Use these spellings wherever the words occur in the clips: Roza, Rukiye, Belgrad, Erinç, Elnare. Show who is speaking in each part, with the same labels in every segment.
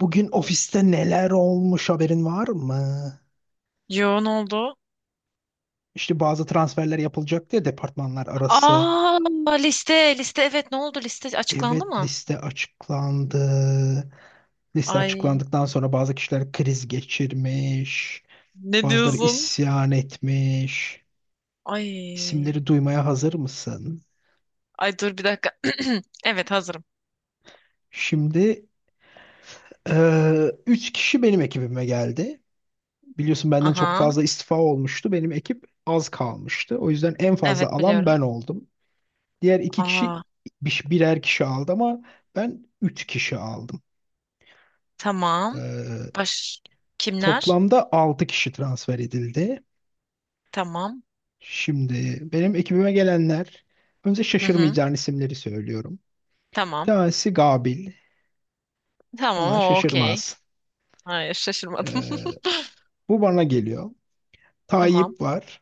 Speaker 1: Bugün ofiste neler olmuş haberin var mı?
Speaker 2: Yo, ne oldu?
Speaker 1: İşte bazı transferler yapılacak diye departmanlar arası.
Speaker 2: Aa, liste liste, evet, ne oldu, liste açıklandı
Speaker 1: Evet,
Speaker 2: mı?
Speaker 1: liste açıklandı. Liste
Speaker 2: Ay,
Speaker 1: açıklandıktan sonra bazı kişiler kriz geçirmiş.
Speaker 2: ne
Speaker 1: Bazıları
Speaker 2: diyorsun?
Speaker 1: isyan etmiş.
Speaker 2: Ay,
Speaker 1: İsimleri duymaya hazır mısın?
Speaker 2: ay, dur bir dakika. Evet, hazırım.
Speaker 1: Şimdi, üç kişi benim ekibime geldi. Biliyorsun benden çok
Speaker 2: Aha,
Speaker 1: fazla istifa olmuştu. Benim ekip az kalmıştı. O yüzden en fazla
Speaker 2: evet
Speaker 1: alan
Speaker 2: biliyorum.
Speaker 1: ben oldum. Diğer iki kişi
Speaker 2: Aa,
Speaker 1: birer kişi aldı ama ben üç kişi aldım.
Speaker 2: tamam.
Speaker 1: Ee,
Speaker 2: Baş kimler?
Speaker 1: Toplamda altı kişi transfer edildi.
Speaker 2: Tamam.
Speaker 1: Şimdi benim ekibime gelenler önce
Speaker 2: Hı hı.
Speaker 1: şaşırmayacağın isimleri söylüyorum. Bir
Speaker 2: Tamam.
Speaker 1: tanesi Gabil.
Speaker 2: Tamam,
Speaker 1: Ona
Speaker 2: o okey.
Speaker 1: şaşırmaz.
Speaker 2: Hayır, şaşırmadım.
Speaker 1: Ee, Bu bana geliyor.
Speaker 2: Tamam.
Speaker 1: Tayyip var.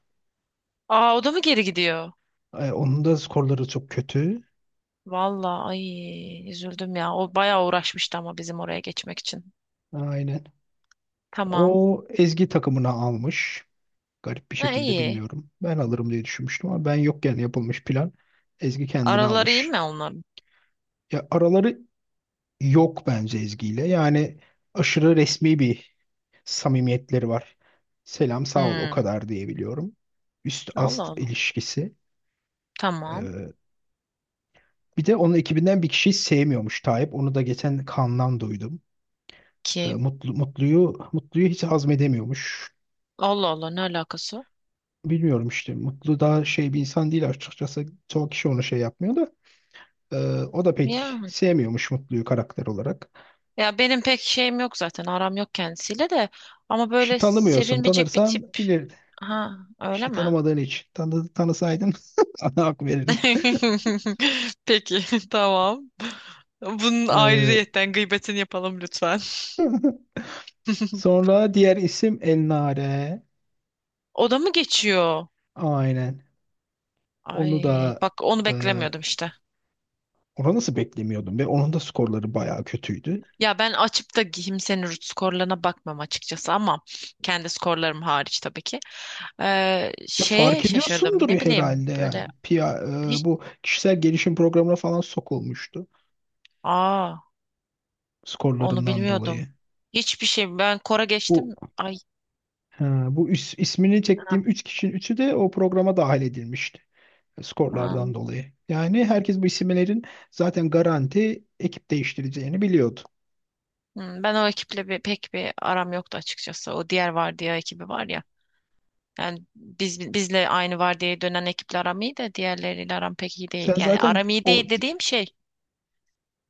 Speaker 2: Aa, o da mı geri gidiyor?
Speaker 1: Onun da skorları çok kötü.
Speaker 2: Vallahi ay, üzüldüm ya. O bayağı uğraşmıştı ama bizim oraya geçmek için.
Speaker 1: Aynen.
Speaker 2: Tamam.
Speaker 1: O Ezgi takımına almış. Garip bir
Speaker 2: Ha,
Speaker 1: şekilde
Speaker 2: iyi.
Speaker 1: bilmiyorum. Ben alırım diye düşünmüştüm ama ben yokken yapılmış plan. Ezgi kendini
Speaker 2: Araları iyi
Speaker 1: almış.
Speaker 2: mi onların?
Speaker 1: Ya araları yok bence Ezgi'yle. Yani aşırı resmi bir samimiyetleri var. Selam sağ ol o
Speaker 2: Hmm.
Speaker 1: kadar diyebiliyorum. Üst
Speaker 2: Allah
Speaker 1: ast
Speaker 2: Allah.
Speaker 1: ilişkisi.
Speaker 2: Tamam.
Speaker 1: Ee, Bir de onun ekibinden bir kişiyi sevmiyormuş Tayyip. Onu da geçen Kaan'dan duydum.
Speaker 2: Kim?
Speaker 1: Mutlu'yu hiç hazmedemiyormuş.
Speaker 2: Allah Allah, ne alakası?
Speaker 1: Bilmiyorum işte. Mutlu daha şey bir insan değil açıkçası. Çoğu kişi onu şey yapmıyor da. Ee, O da
Speaker 2: Ya,
Speaker 1: pek sevmiyormuş Mutlu'yu karakter olarak.
Speaker 2: ya benim pek şeyim yok zaten. Aram yok kendisiyle de. Ama
Speaker 1: İşte
Speaker 2: böyle
Speaker 1: tanımıyorsun.
Speaker 2: sevilmeyecek bir tip.
Speaker 1: Tanırsan bilir.
Speaker 2: Ha, öyle
Speaker 1: İşte
Speaker 2: mi?
Speaker 1: tanımadığın için. Tanısaydın sana hak verirdin.
Speaker 2: Peki, tamam. Bunun
Speaker 1: Ee,
Speaker 2: ayrıyetten gıybetini yapalım lütfen.
Speaker 1: Sonra diğer isim El Nare.
Speaker 2: O da mı geçiyor?
Speaker 1: Aynen. Onu
Speaker 2: Ay,
Speaker 1: da
Speaker 2: bak onu
Speaker 1: e,
Speaker 2: beklemiyordum işte.
Speaker 1: ona nasıl beklemiyordum ve onun da skorları bayağı kötüydü.
Speaker 2: Ya ben açıp da kimsenin root skorlarına bakmam açıkçası, ama kendi skorlarım hariç tabii ki.
Speaker 1: Ya
Speaker 2: Şeye
Speaker 1: fark
Speaker 2: şaşırdım.
Speaker 1: ediyorsundur ya
Speaker 2: Ne bileyim
Speaker 1: herhalde yani.
Speaker 2: böyle
Speaker 1: Pia,
Speaker 2: hiç.
Speaker 1: bu kişisel gelişim programına falan sokulmuştu
Speaker 2: Aa, onu
Speaker 1: skorlarından
Speaker 2: bilmiyordum.
Speaker 1: dolayı.
Speaker 2: Hiçbir şey, ben Kora geçtim.
Speaker 1: Bu
Speaker 2: Ay,
Speaker 1: ha, bu is- ismini
Speaker 2: ha,
Speaker 1: çektiğim 3 kişinin üçü de o programa dahil edilmişti.
Speaker 2: ha.
Speaker 1: Skorlardan dolayı. Yani herkes bu isimlerin zaten garanti ekip değiştireceğini biliyordu.
Speaker 2: Hmm, ben o ekiple pek bir aram yoktu açıkçası. O diğer vardiya ekibi var ya. Yani biz, bizle aynı vardiyaya dönen ekiple aram iyi de diğerleriyle aram pek iyi değil.
Speaker 1: Sen
Speaker 2: Yani
Speaker 1: zaten
Speaker 2: aram iyi
Speaker 1: o
Speaker 2: değil dediğim şey.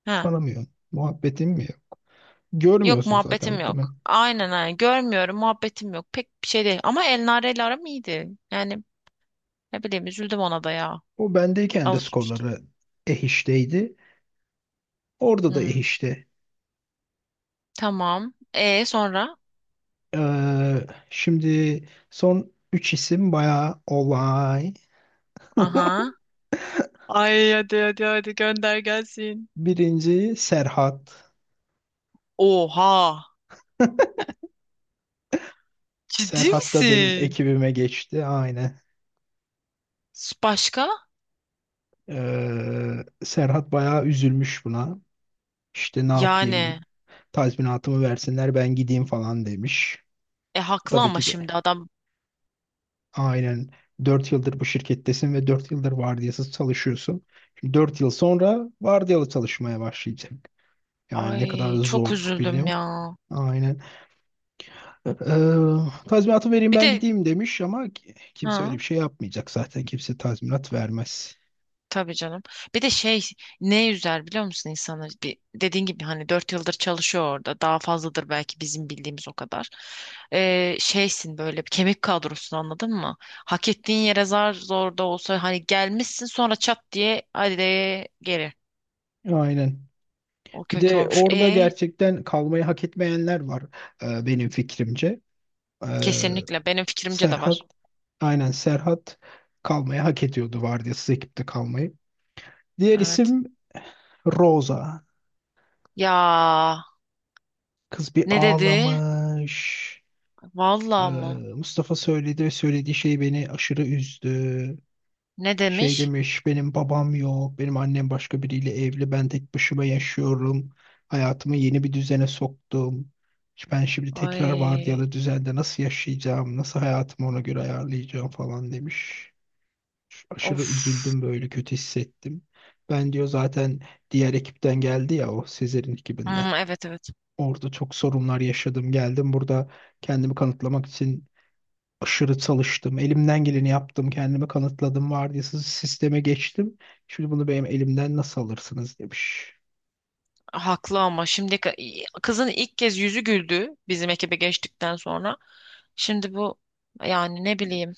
Speaker 2: Ha.
Speaker 1: tanımıyorsun. Muhabbetin mi? Yok?
Speaker 2: Yok,
Speaker 1: Görmüyorsun zaten
Speaker 2: muhabbetim
Speaker 1: muhtemelen.
Speaker 2: yok. Aynen aynen. Görmüyorum, muhabbetim yok. Pek bir şey değil. Ama Elnare ile aram iyiydi. Yani ne bileyim, üzüldüm ona da ya.
Speaker 1: O bendeyken de
Speaker 2: Alışmıştım.
Speaker 1: skorları ehişteydi. Orada da
Speaker 2: Hmm.
Speaker 1: ehişti.
Speaker 2: Tamam. E sonra?
Speaker 1: Şimdi son 3 isim bayağı olay.
Speaker 2: Aha. Ay, hadi hadi hadi, gönder gelsin.
Speaker 1: Birinci Serhat.
Speaker 2: Oha. Ciddi
Speaker 1: Serhat da benim
Speaker 2: misin?
Speaker 1: ekibime geçti. Aynen.
Speaker 2: Başka?
Speaker 1: Serhat bayağı üzülmüş buna. İşte ne
Speaker 2: Yani.
Speaker 1: yapayım? Tazminatımı versinler ben gideyim falan demiş.
Speaker 2: E haklı
Speaker 1: Tabii
Speaker 2: ama
Speaker 1: ki de
Speaker 2: şimdi adam.
Speaker 1: aynen 4 yıldır bu şirkettesin ve 4 yıldır vardiyasız çalışıyorsun. Şimdi 4 yıl sonra vardiyalı çalışmaya başlayacak. Yani ne kadar
Speaker 2: Ay, çok
Speaker 1: zor
Speaker 2: üzüldüm
Speaker 1: biliyorum.
Speaker 2: ya.
Speaker 1: Aynen. Ee, Tazminatı vereyim
Speaker 2: Bir
Speaker 1: ben
Speaker 2: de
Speaker 1: gideyim demiş ama kimse öyle bir
Speaker 2: ha.
Speaker 1: şey yapmayacak zaten. Kimse tazminat vermez.
Speaker 2: Tabii canım. Bir de şey, ne üzer biliyor musun insanı? Dediğin gibi hani dört yıldır çalışıyor orada. Daha fazladır belki bizim bildiğimiz, o kadar. Şeysin böyle, bir kemik kadrosun, anladın mı? Hak ettiğin yere zar zor da olsa hani gelmişsin, sonra çat diye hadi de geri.
Speaker 1: Aynen.
Speaker 2: O
Speaker 1: Bir
Speaker 2: kötü
Speaker 1: de
Speaker 2: olmuş.
Speaker 1: orada
Speaker 2: E
Speaker 1: gerçekten kalmayı hak etmeyenler var, benim fikrimce. Ee,
Speaker 2: kesinlikle benim fikrimce de
Speaker 1: Serhat
Speaker 2: var.
Speaker 1: aynen Serhat kalmayı hak ediyordu, vardiyasız ekipte kalmayı. Diğer
Speaker 2: Evet.
Speaker 1: isim Rosa.
Speaker 2: Ya
Speaker 1: Kız bir
Speaker 2: ne dedi?
Speaker 1: ağlamış. Ee,
Speaker 2: Vallahi mı?
Speaker 1: Mustafa söyledi ve söylediği şey beni aşırı üzdü.
Speaker 2: Ne
Speaker 1: Şey
Speaker 2: demiş?
Speaker 1: demiş, benim babam yok, benim annem başka biriyle evli, ben tek başıma yaşıyorum. Hayatımı yeni bir düzene soktum. Ben şimdi tekrar
Speaker 2: Ay
Speaker 1: vardiyalı düzende nasıl yaşayacağım, nasıl hayatımı ona göre ayarlayacağım falan demiş. Aşırı
Speaker 2: of.
Speaker 1: üzüldüm, böyle kötü hissettim. Ben diyor zaten diğer ekipten geldi ya, o Sezer'in ekibinden.
Speaker 2: Hmm, evet evet.
Speaker 1: Orada çok sorunlar yaşadım. Geldim burada kendimi kanıtlamak için aşırı çalıştım. Elimden geleni yaptım. Kendimi kanıtladım. Vardiyasız sisteme geçtim. Şimdi bunu benim elimden nasıl alırsınız demiş.
Speaker 2: Haklı ama şimdi, kızın ilk kez yüzü güldü bizim ekibe geçtikten sonra. Şimdi bu, yani ne bileyim.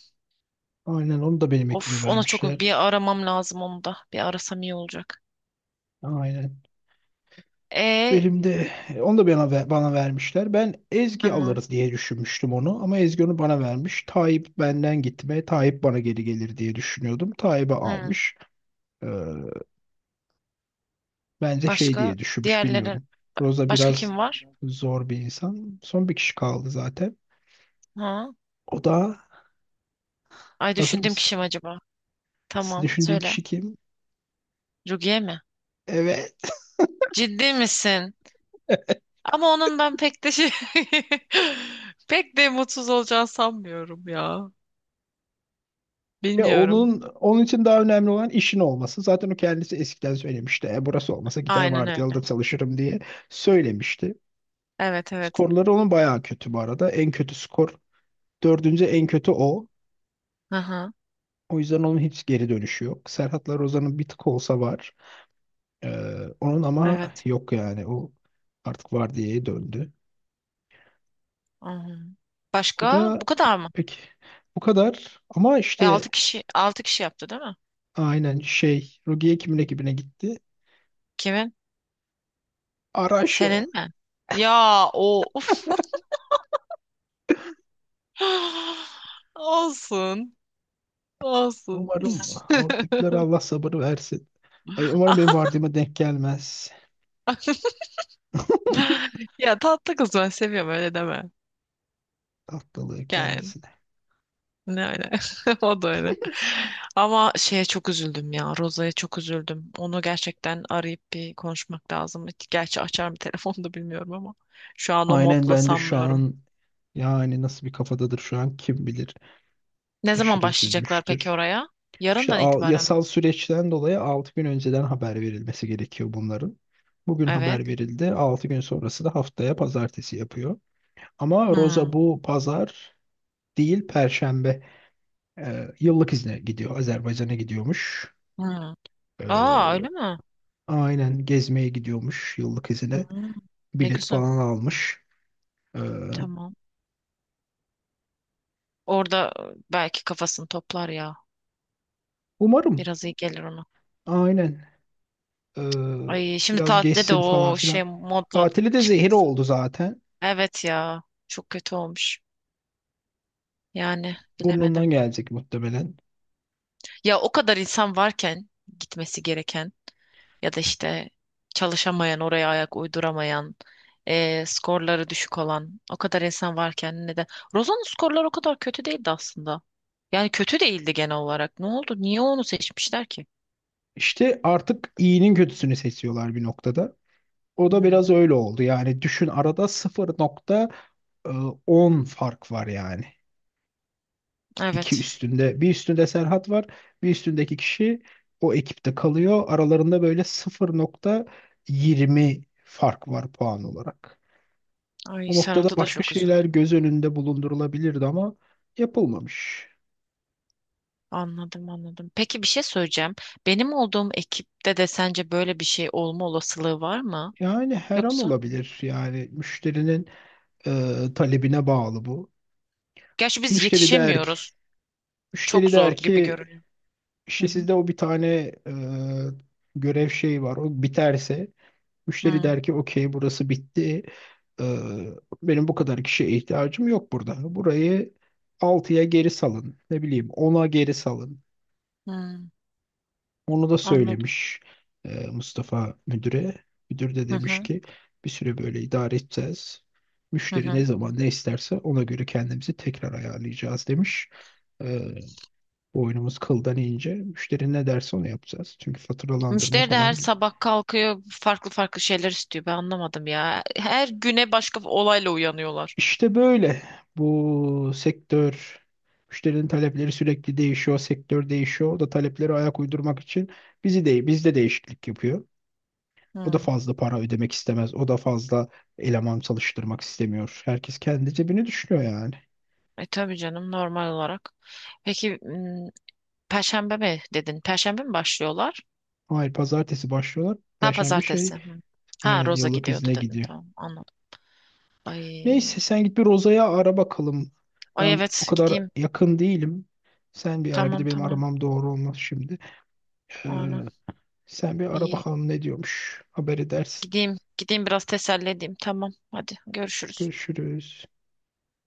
Speaker 1: Aynen, onu da benim ekibe
Speaker 2: Of, ona çok bir
Speaker 1: vermişler.
Speaker 2: aramam lazım, onu da. Bir arasam iyi olacak.
Speaker 1: Aynen.
Speaker 2: E
Speaker 1: Benim de onu da bana vermişler. Ben Ezgi
Speaker 2: tamam.
Speaker 1: alırız diye düşünmüştüm onu ama Ezgi onu bana vermiş. Tayyip benden gitme, Tayyip bana geri gelir diye düşünüyordum. Tayyip'i
Speaker 2: Hı.
Speaker 1: almış. Ee, Bence şey
Speaker 2: Başka,
Speaker 1: diye düşünmüş
Speaker 2: diğerlerin,
Speaker 1: bilmiyorum. Roza
Speaker 2: başka
Speaker 1: biraz
Speaker 2: kim var?
Speaker 1: zor bir insan. Son bir kişi kaldı zaten.
Speaker 2: Ha?
Speaker 1: O da
Speaker 2: Ay,
Speaker 1: hazır
Speaker 2: düşündüğüm
Speaker 1: mısın?
Speaker 2: kişi mi acaba? Tamam,
Speaker 1: Düşündüğün
Speaker 2: söyle.
Speaker 1: kişi kim?
Speaker 2: Rukiye mi?
Speaker 1: Evet.
Speaker 2: Ciddi misin? Ama onun ben pek de şey, pek de mutsuz olacağını sanmıyorum ya.
Speaker 1: Ya
Speaker 2: Bilmiyorum.
Speaker 1: onun için daha önemli olan işin olması. Zaten o kendisi eskiden söylemişti. Burası olmasa gider
Speaker 2: Aynen
Speaker 1: vardiyalı
Speaker 2: öyle.
Speaker 1: da çalışırım diye söylemişti.
Speaker 2: Evet evet.
Speaker 1: Skorları onun bayağı kötü bu arada. En kötü skor. Dördüncü en kötü o.
Speaker 2: Hı hı.
Speaker 1: O yüzden onun hiç geri dönüşü yok. Serhatlar Ozan'ın bir tık olsa var. Ee, Onun ama
Speaker 2: Evet.
Speaker 1: yok yani. O artık var diye döndü.
Speaker 2: Hı hı.
Speaker 1: O
Speaker 2: Başka? Bu
Speaker 1: da,
Speaker 2: kadar mı?
Speaker 1: peki, bu kadar. Ama
Speaker 2: E,
Speaker 1: işte
Speaker 2: 6 kişi, 6 kişi yaptı değil mi?
Speaker 1: aynen şey Rogier kimin
Speaker 2: Hı.
Speaker 1: ekibine gitti?
Speaker 2: Kimin?
Speaker 1: Araş.
Speaker 2: Senin mi? Ya o uf. Olsun. Olsun.
Speaker 1: Umarım oradakiler, Allah sabır versin. Ay, umarım benim vardığıma denk gelmez.
Speaker 2: Ya tatlı kız, ben seviyorum, öyle deme.
Speaker 1: Tatlılığı
Speaker 2: Yani
Speaker 1: kendisi.
Speaker 2: ne öyle. O da öyle. Ama şeye çok üzüldüm ya. Roza'ya çok üzüldüm. Onu gerçekten arayıp bir konuşmak lazım. Gerçi açar mı telefonu da bilmiyorum ama. Şu an o
Speaker 1: Aynen,
Speaker 2: modda
Speaker 1: ben de şu
Speaker 2: sanmıyorum.
Speaker 1: an yani nasıl bir kafadadır şu an kim bilir.
Speaker 2: Ne zaman
Speaker 1: Aşırı
Speaker 2: başlayacaklar peki
Speaker 1: üzülmüştür.
Speaker 2: oraya?
Speaker 1: İşte
Speaker 2: Yarından itibaren mi?
Speaker 1: yasal süreçten dolayı 6 gün önceden haber verilmesi gerekiyor bunların. Bugün
Speaker 2: Evet.
Speaker 1: haber verildi. 6 gün sonrası da haftaya pazartesi yapıyor. Ama Roza
Speaker 2: Hmm.
Speaker 1: bu pazar değil, Perşembe, yıllık izne gidiyor. Azerbaycan'a gidiyormuş.
Speaker 2: Hmm. Aa,
Speaker 1: E,
Speaker 2: öyle mi?
Speaker 1: aynen, gezmeye gidiyormuş yıllık izine.
Speaker 2: Hmm. Ne
Speaker 1: Bilet
Speaker 2: güzel.
Speaker 1: falan almış. E,
Speaker 2: Tamam. Orada e, belki kafasını toplar ya.
Speaker 1: Umarım.
Speaker 2: Biraz iyi gelir ona.
Speaker 1: Aynen. Ee,
Speaker 2: Ay, şimdi
Speaker 1: Biraz
Speaker 2: tatilde de
Speaker 1: geçsin falan
Speaker 2: o
Speaker 1: filan.
Speaker 2: şey modla
Speaker 1: Tatili de zehir
Speaker 2: çıkması.
Speaker 1: oldu zaten.
Speaker 2: Evet ya. Çok kötü olmuş. Yani
Speaker 1: Burnundan
Speaker 2: bilemedim.
Speaker 1: gelecek muhtemelen.
Speaker 2: Ya o kadar insan varken, gitmesi gereken, ya da işte çalışamayan, oraya ayak uyduramayan, e, skorları düşük olan o kadar insan varken, neden? Rozan'ın skorları o kadar kötü değildi aslında. Yani kötü değildi genel olarak. Ne oldu? Niye onu seçmişler ki?
Speaker 1: İşte artık iyinin kötüsünü seçiyorlar bir noktada. O da
Speaker 2: Hmm,
Speaker 1: biraz öyle oldu. Yani düşün arada 0,10 fark var yani. İki
Speaker 2: evet.
Speaker 1: üstünde bir üstünde Serhat var, bir üstündeki kişi o ekipte kalıyor, aralarında böyle 0,20 fark var puan olarak.
Speaker 2: Ay,
Speaker 1: O noktada
Speaker 2: Serhat'a da
Speaker 1: başka
Speaker 2: çok
Speaker 1: şeyler
Speaker 2: üzüldüm.
Speaker 1: göz önünde bulundurulabilirdi ama yapılmamış.
Speaker 2: Anladım anladım. Peki, bir şey söyleyeceğim. Benim olduğum ekipte de sence böyle bir şey olma olasılığı var mı?
Speaker 1: Yani her an
Speaker 2: Yoksa?
Speaker 1: olabilir yani müşterinin talebine bağlı bu.
Speaker 2: Gerçi biz
Speaker 1: Müşteri der ki
Speaker 2: yetişemiyoruz.
Speaker 1: müşteri
Speaker 2: Çok
Speaker 1: der
Speaker 2: zor gibi
Speaker 1: ki
Speaker 2: görünüyor. Hı
Speaker 1: işte
Speaker 2: hı.
Speaker 1: sizde o bir tane, e, görev şeyi var, o biterse müşteri
Speaker 2: Hı
Speaker 1: der ki okey, burası bitti. Ee, Benim bu kadar kişiye ihtiyacım yok burada. Burayı altıya geri salın. Ne bileyim, ona geri salın.
Speaker 2: hı.
Speaker 1: Onu da
Speaker 2: Anladım.
Speaker 1: söylemiş Mustafa müdüre. Müdür de
Speaker 2: Hı
Speaker 1: demiş
Speaker 2: hı.
Speaker 1: ki bir süre böyle idare edeceğiz.
Speaker 2: Hı
Speaker 1: Müşteri ne
Speaker 2: hı.
Speaker 1: zaman ne isterse ona göre kendimizi tekrar ayarlayacağız demiş. Ee, Boynumuz kıldan ince. Müşteri ne derse onu yapacağız. Çünkü faturalandırma
Speaker 2: Müşteri de her
Speaker 1: falan gibi.
Speaker 2: sabah kalkıyor, farklı farklı şeyler istiyor. Ben anlamadım ya. Her güne başka bir olayla uyanıyorlar.
Speaker 1: İşte böyle, bu sektör, müşterinin talepleri sürekli değişiyor, sektör değişiyor. O da talepleri ayak uydurmak için bizi değil, bizde değişiklik yapıyor. O da
Speaker 2: Hmm.
Speaker 1: fazla para ödemek istemez. O da fazla eleman çalıştırmak istemiyor. Herkes kendi cebini düşünüyor yani.
Speaker 2: E tabii canım, normal olarak. Peki m, Perşembe mi dedin? Perşembe mi başlıyorlar?
Speaker 1: Hayır, pazartesi başlıyorlar.
Speaker 2: Ha,
Speaker 1: Perşembe şey
Speaker 2: pazartesi. Hı. Ha,
Speaker 1: aynen
Speaker 2: Roza
Speaker 1: yıllık
Speaker 2: gidiyordu
Speaker 1: izne
Speaker 2: dedin.
Speaker 1: gidiyor.
Speaker 2: Tamam, anladım. Ay.
Speaker 1: Neyse sen git bir Roza'ya ara bakalım.
Speaker 2: Ay,
Speaker 1: Ben o
Speaker 2: evet,
Speaker 1: kadar
Speaker 2: gideyim.
Speaker 1: yakın değilim. Sen bir ara, bir de
Speaker 2: Tamam
Speaker 1: benim
Speaker 2: tamam.
Speaker 1: aramam doğru olmaz şimdi. Ee,
Speaker 2: Aynen.
Speaker 1: Sen bir ara
Speaker 2: İyi.
Speaker 1: bakalım ne diyormuş. Haber edersin.
Speaker 2: Gideyim. Gideyim biraz teselli edeyim. Tamam. Hadi görüşürüz.
Speaker 1: Görüşürüz.